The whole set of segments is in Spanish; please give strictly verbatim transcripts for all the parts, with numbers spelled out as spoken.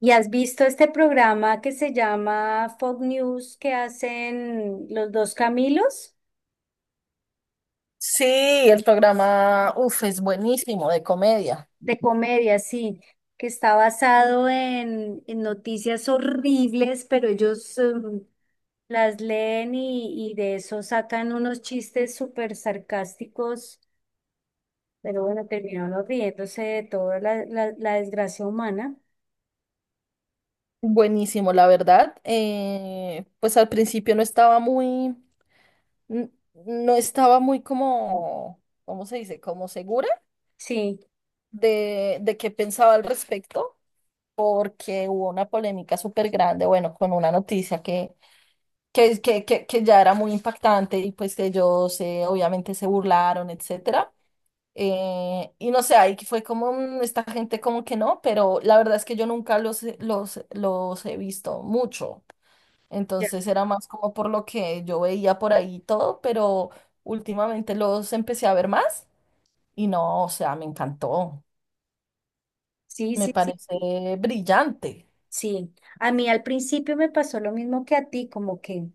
¿Y has visto este programa que se llama Fox News que hacen los dos Camilos? Sí, el programa, uf, es buenísimo, de comedia. De comedia, sí, que está basado en, en noticias horribles, pero ellos em, las leen y, y de eso sacan unos chistes súper sarcásticos, pero bueno, terminaron riéndose de toda la, la, la desgracia humana. Buenísimo, la verdad. Eh, pues al principio no estaba muy, n- no estaba muy como, ¿cómo se dice? Como segura Sí, de, de qué pensaba al respecto, porque hubo una polémica súper grande, bueno, con una noticia que, que, que, que, que ya era muy impactante y pues que ellos eh, obviamente se burlaron, etcétera. Eh, y no sé, ahí fue como "Mm, esta gente como que no", pero la verdad es que yo nunca los, he- los, los he visto mucho. ya, Entonces era más como por lo que yo veía por ahí y todo, pero últimamente los empecé a ver más y no, o sea, me encantó. sí, Me sí, sí, parece brillante. sí. A mí al principio me pasó lo mismo que a ti, como que...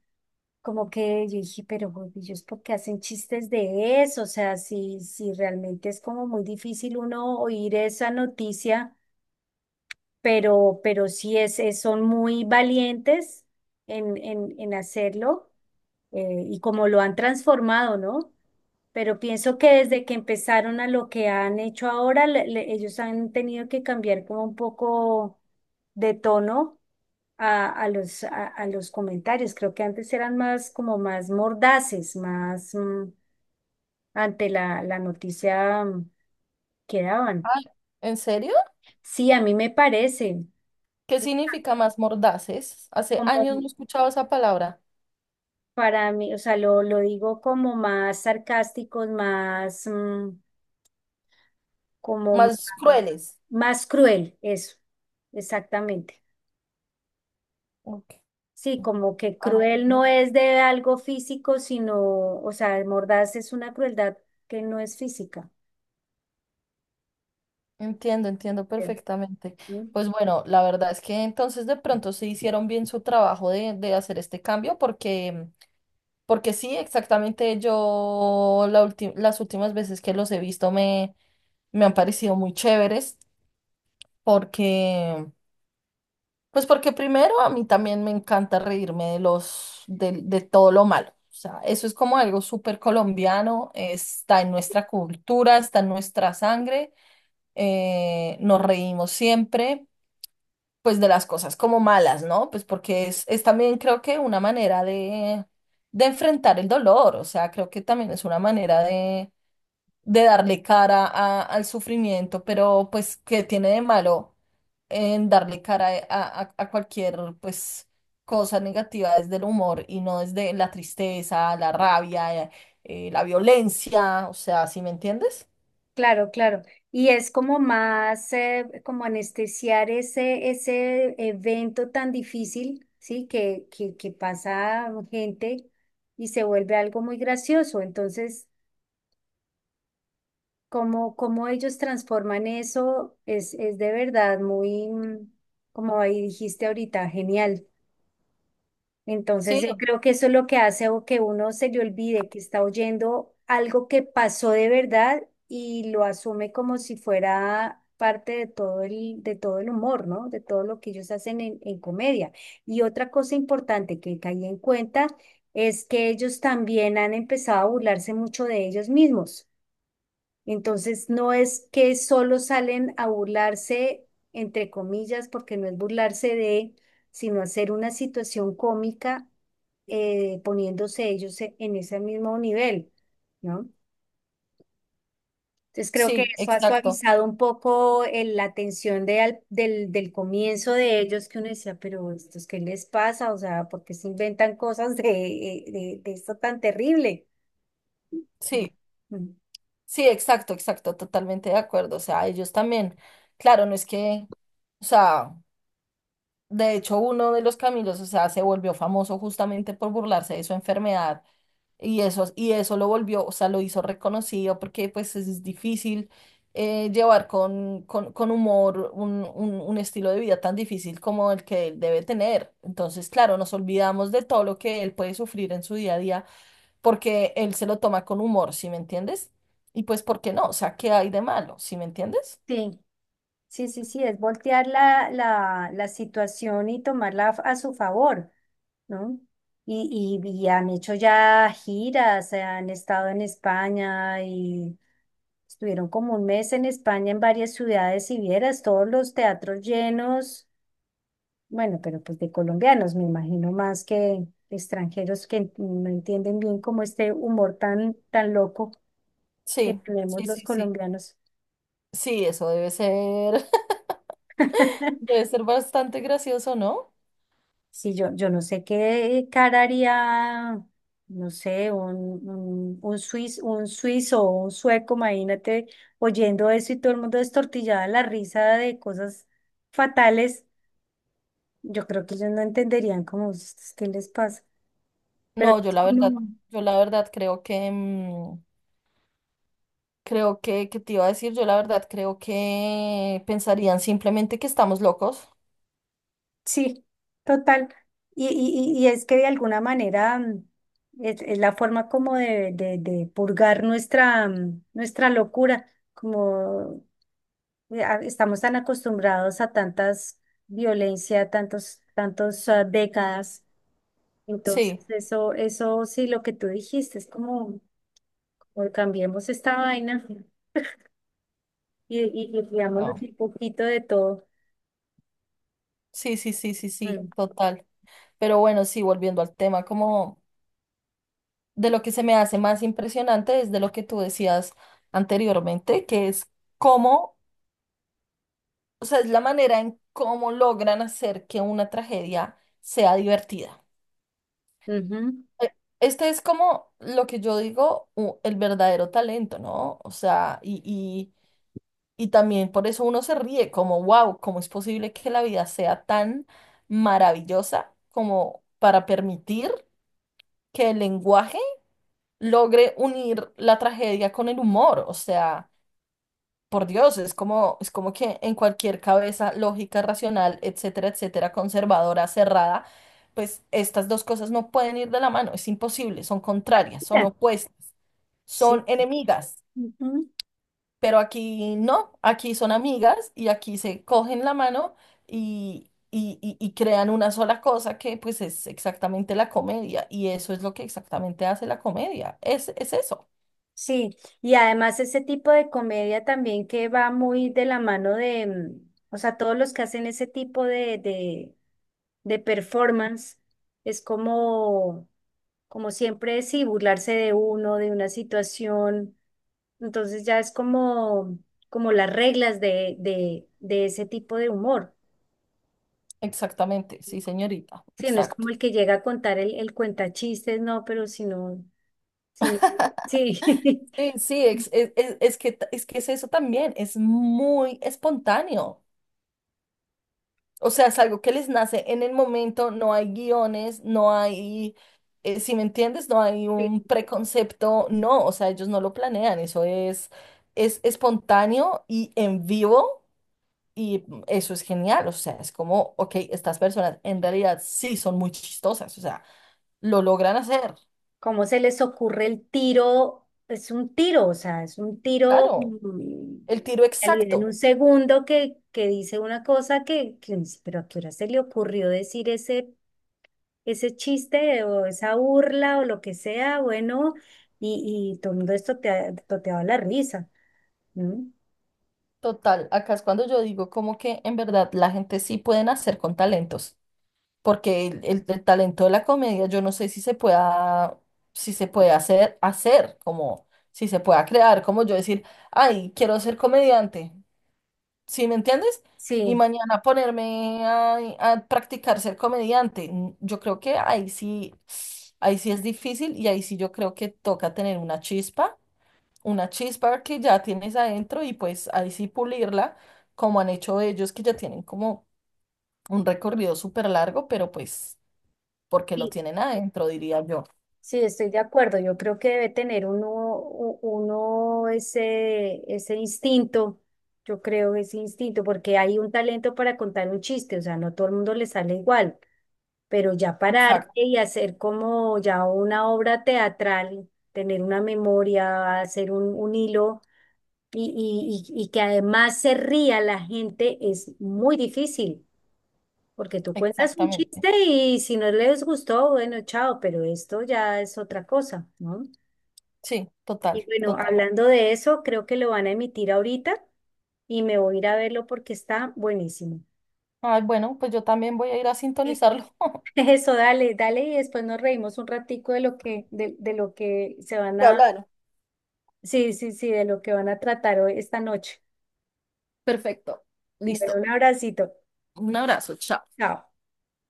Como que yo dije, pero güey, ellos por qué hacen chistes de eso, o sea, si, si realmente es como muy difícil uno oír esa noticia, pero, pero sí es, es- son muy valientes en, en, en hacerlo, eh, y como lo han transformado, ¿no? Pero pienso que desde que empezaron a lo que han hecho ahora, le- le- ellos han tenido que cambiar como un poco de tono a, a los, a, a los comentarios. Creo que antes eran más como más mordaces, más mm, ante la, la noticia mm, que daban. Ay, ¿en serio? Sí, a mí me parece ¿Qué significa más mordaces? Hace años no como, escuchaba esa palabra. para mí, o sea, lo, lo digo como más sarcásticos, más, mm, como Más más, crueles. más cruel, eso, exactamente. Ok. Sí, como que Ah, cruel bueno. no es de algo físico, sino, o sea, mordaz es una crueldad que no es física, Entiendo, entiendo creo, perfectamente. ¿no? Pues bueno, la verdad es que entonces de pronto se hicieron bien su trabajo de, de hacer este cambio porque, porque sí, exactamente yo la ulti- las últimas veces que los he visto me, me han parecido muy chéveres porque, pues porque primero a mí también me encanta reírme de los, de, de todo lo malo. O sea, eso es como algo súper colombiano, está en nuestra cultura, está en nuestra sangre, eh, nos reímos siempre pues de las cosas como malas, ¿no? Pues porque es, es también creo que una manera de, de enfrentar el dolor, o sea, creo que también es una manera de, de darle cara a- al sufrimiento, pero pues ¿qué tiene de malo en darle cara a, a- a cualquier pues cosa negativa desde el humor y no desde la tristeza, la rabia, eh, la violencia, o sea, ¿sí me entiendes? Claro, claro. Y es como más, eh, como anestesiar ese, ese evento tan difícil, ¿sí? Que, que, que pasa gente y se vuelve algo muy gracioso. Entonces, cómo cómo ellos transforman eso es, es de verdad muy, mm, como ahí dijiste ahorita, genial. Entonces yo Sí, creo que eso es lo que hace o que uno se le olvide que está oyendo algo que pasó de verdad y lo asume como si fuera parte de todo el, de todo el humor, ¿no? De todo lo que ellos hacen en, en comedia. Y otra cosa importante que caí en cuenta es que ellos también han empezado a burlarse mucho de ellos mismos. Entonces, no es que solo salen a burlarse, entre comillas, porque no es burlarse de, sino hacer una situación cómica, eh, poniéndose ellos e- en ese mismo nivel, ¿no? Entonces, creo que sí, eso ha exacto. suavizado un poco el- la tensión de al- del, del comienzo de ellos, que uno decía, pero ¿estos qué les pasa? O sea, ¿por qué se inventan cosas de, eh, de, de esto tan terrible? Sí. Mm. Sí, exacto, exacto, totalmente de acuerdo. O sea, ellos también, claro, no es que, o sea, de hecho uno de los Camilos, o sea, se volvió famoso justamente por burlarse de su enfermedad y eso, y eso lo volvió, o sea, lo hizo reconocido porque pues es es difícil eh, llevar con, con, con humor un, un, un estilo de vida tan difícil como el que él debe tener. Entonces, claro, nos olvidamos de todo lo que él puede sufrir en su día a día porque él se lo toma con humor, ¿sí me entiendes? Y pues, ¿por qué no? O sea, ¿qué hay de malo? ¿Sí me entiendes? Sí. Sí, sí, sí, es voltear la, la, la situación y tomarla a su favor, ¿no? Y, y, y han hecho ya giras, eh, han estado en España y estuvieron como un mes en España en varias ciudades y vieras todos los teatros llenos, bueno, pero pues de colombianos, me imagino más que de extranjeros que en- no entienden bien como este humor tan, tan loco que Sí, tenemos sí, los sí, sí. colombianos. Sí, eso debe ser, debe ser bastante gracioso, ¿no? Sí, yo, yo no sé qué cara haría, no sé, un, un, un suiz- un suizo o un sueco, imagínate, oyendo eso y todo el mundo destortillado de la risa de cosas fatales. Yo creo que ellos no entenderían, como: "Ustedes, qué les pasa". Pero No, yo es la verdad, como, yo la verdad creo que, mm, creo que, ¿qué te iba a decir? Yo la verdad creo que pensarían simplemente que estamos locos. sí, total. Y, y, y y es que de alguna manera, mm, es, es la forma como de, de, de purgar nuestra, mm, nuestra locura, como, eh, a- estamos tan acostumbrados a tantas violencia, tantos, tantos, ah, décadas. Entonces, Sí, eso, eso sí, lo que tú dijiste, es como, como cambiemos esta vaina y, y, y digámosle no. un poquito de todo. Sí, sí, sí, sí, sí, Mm, total. Pero bueno, sí, volviendo al tema, como... de lo que se me hace más impresionante es de lo que tú decías anteriormente, que es cómo, o sea, es la manera en cómo logran hacer que una tragedia sea divertida. ujú. Eh, Este es como lo que yo digo, u- el verdadero talento, ¿no? O sea, y, y, y también por eso uno se ríe, como, wow, ¿cómo es posible que la vida sea tan maravillosa como para permitir que el lenguaje logre unir la tragedia con el humor? O sea... por Dios, es como, es como que en cualquier cabeza lógica, racional, etcétera, etcétera, conservadora, cerrada, pues estas dos cosas no pueden ir de la mano, es imposible, son contrarias, son Ya, opuestas, sí, son enemigas, ujú. pero aquí no, aquí son amigas y aquí se cogen la mano y, y, y- y crean una sola cosa que pues es exactamente la comedia y eso es lo que exactamente hace la comedia, es, es eso, Sí, y además ese tipo de comedia también que va muy de la mano de, mm, o sea, todos los que hacen ese tipo de, de, de performance, es como, como siempre, sí, burlarse de uno, de una situación. Entonces ya es como, como las reglas de, de, de ese tipo de humor. exactamente, sí señorita, Sí, no es como exacto. el que llega a contar el, el cuentachistes, no, pero sino, sino, sí. Sí, sí, ex- es, es- es que, t- es que es eso también, es muy espontáneo. O sea, es algo que les nace en el momento, no hay guiones, no hay, eh, si me entiendes, no hay un Sí. preconcepto, no, o sea, ellos no lo planean, eso es, es espontáneo y en vivo y eso es genial, o sea, es como, ok, estas personas en realidad sí son muy chistosas, o sea, lo logran hacer, ¿Cómo se les ocurre el tiro? Es un tiro, o sea, es un tiro, claro, mm, el tiro en realidad en un exacto. segundo que, que dice una cosa que, que uno dice, pero ¿a qué hora se le ocurrió decir ese ese chiste o esa burla o lo que sea, bueno, y, y todo el mundo esto te ha toteado a la risa, ¿no? Total, acá es cuando yo digo como que en verdad la gente sí puede nacer con talentos, porque el, el- el talento de la comedia yo no sé si se pueda, si se puede hacer, hacer, como si se pueda crear, como yo decir, ay, quiero ser comediante, ¿sí me entiendes? Y Sí, mañana ponerme a, a practicar ser comediante. N- Yo creo que ahí sí, ahí sí es difícil y ahí sí yo creo que toca tener una chispa, una chispa que ya tienes adentro y pues ahí sí pulirla, como han hecho ellos que ya tienen como un recorrido súper largo, pero pues porque lo sí, tienen adentro, diría yo. sí, estoy de acuerdo. Yo creo que debe tener uno, u- uno ese, ese instinto. Yo creo ese instinto, porque hay un talento para contar un chiste, o sea, no todo el mundo le sale igual, pero ya pararte Exacto, y hacer como ya una obra teatral, tener una memoria, hacer un, un hilo y, y, y y que además se ría la gente es muy difícil, porque tú cuentas un exactamente. chiste y si no les gustó, bueno, chao, pero esto ya es otra cosa, ¿no? Sí, Y total, bueno, total. hablando de eso, creo que lo van a emitir ahorita y me voy a ir a verlo porque está buenísimo. Ay, bueno, pues yo también voy a ir a Eh. sintonizarlo. Eso, dale, dale, y después nos reímos un ratico de lo que, de, de lo que se van Ya a, hablaron. sí, sí, sí, de lo que van a tratar hoy esta noche. Perfecto. Bueno, Listo. un abracito. Un abrazo, chao. Chao.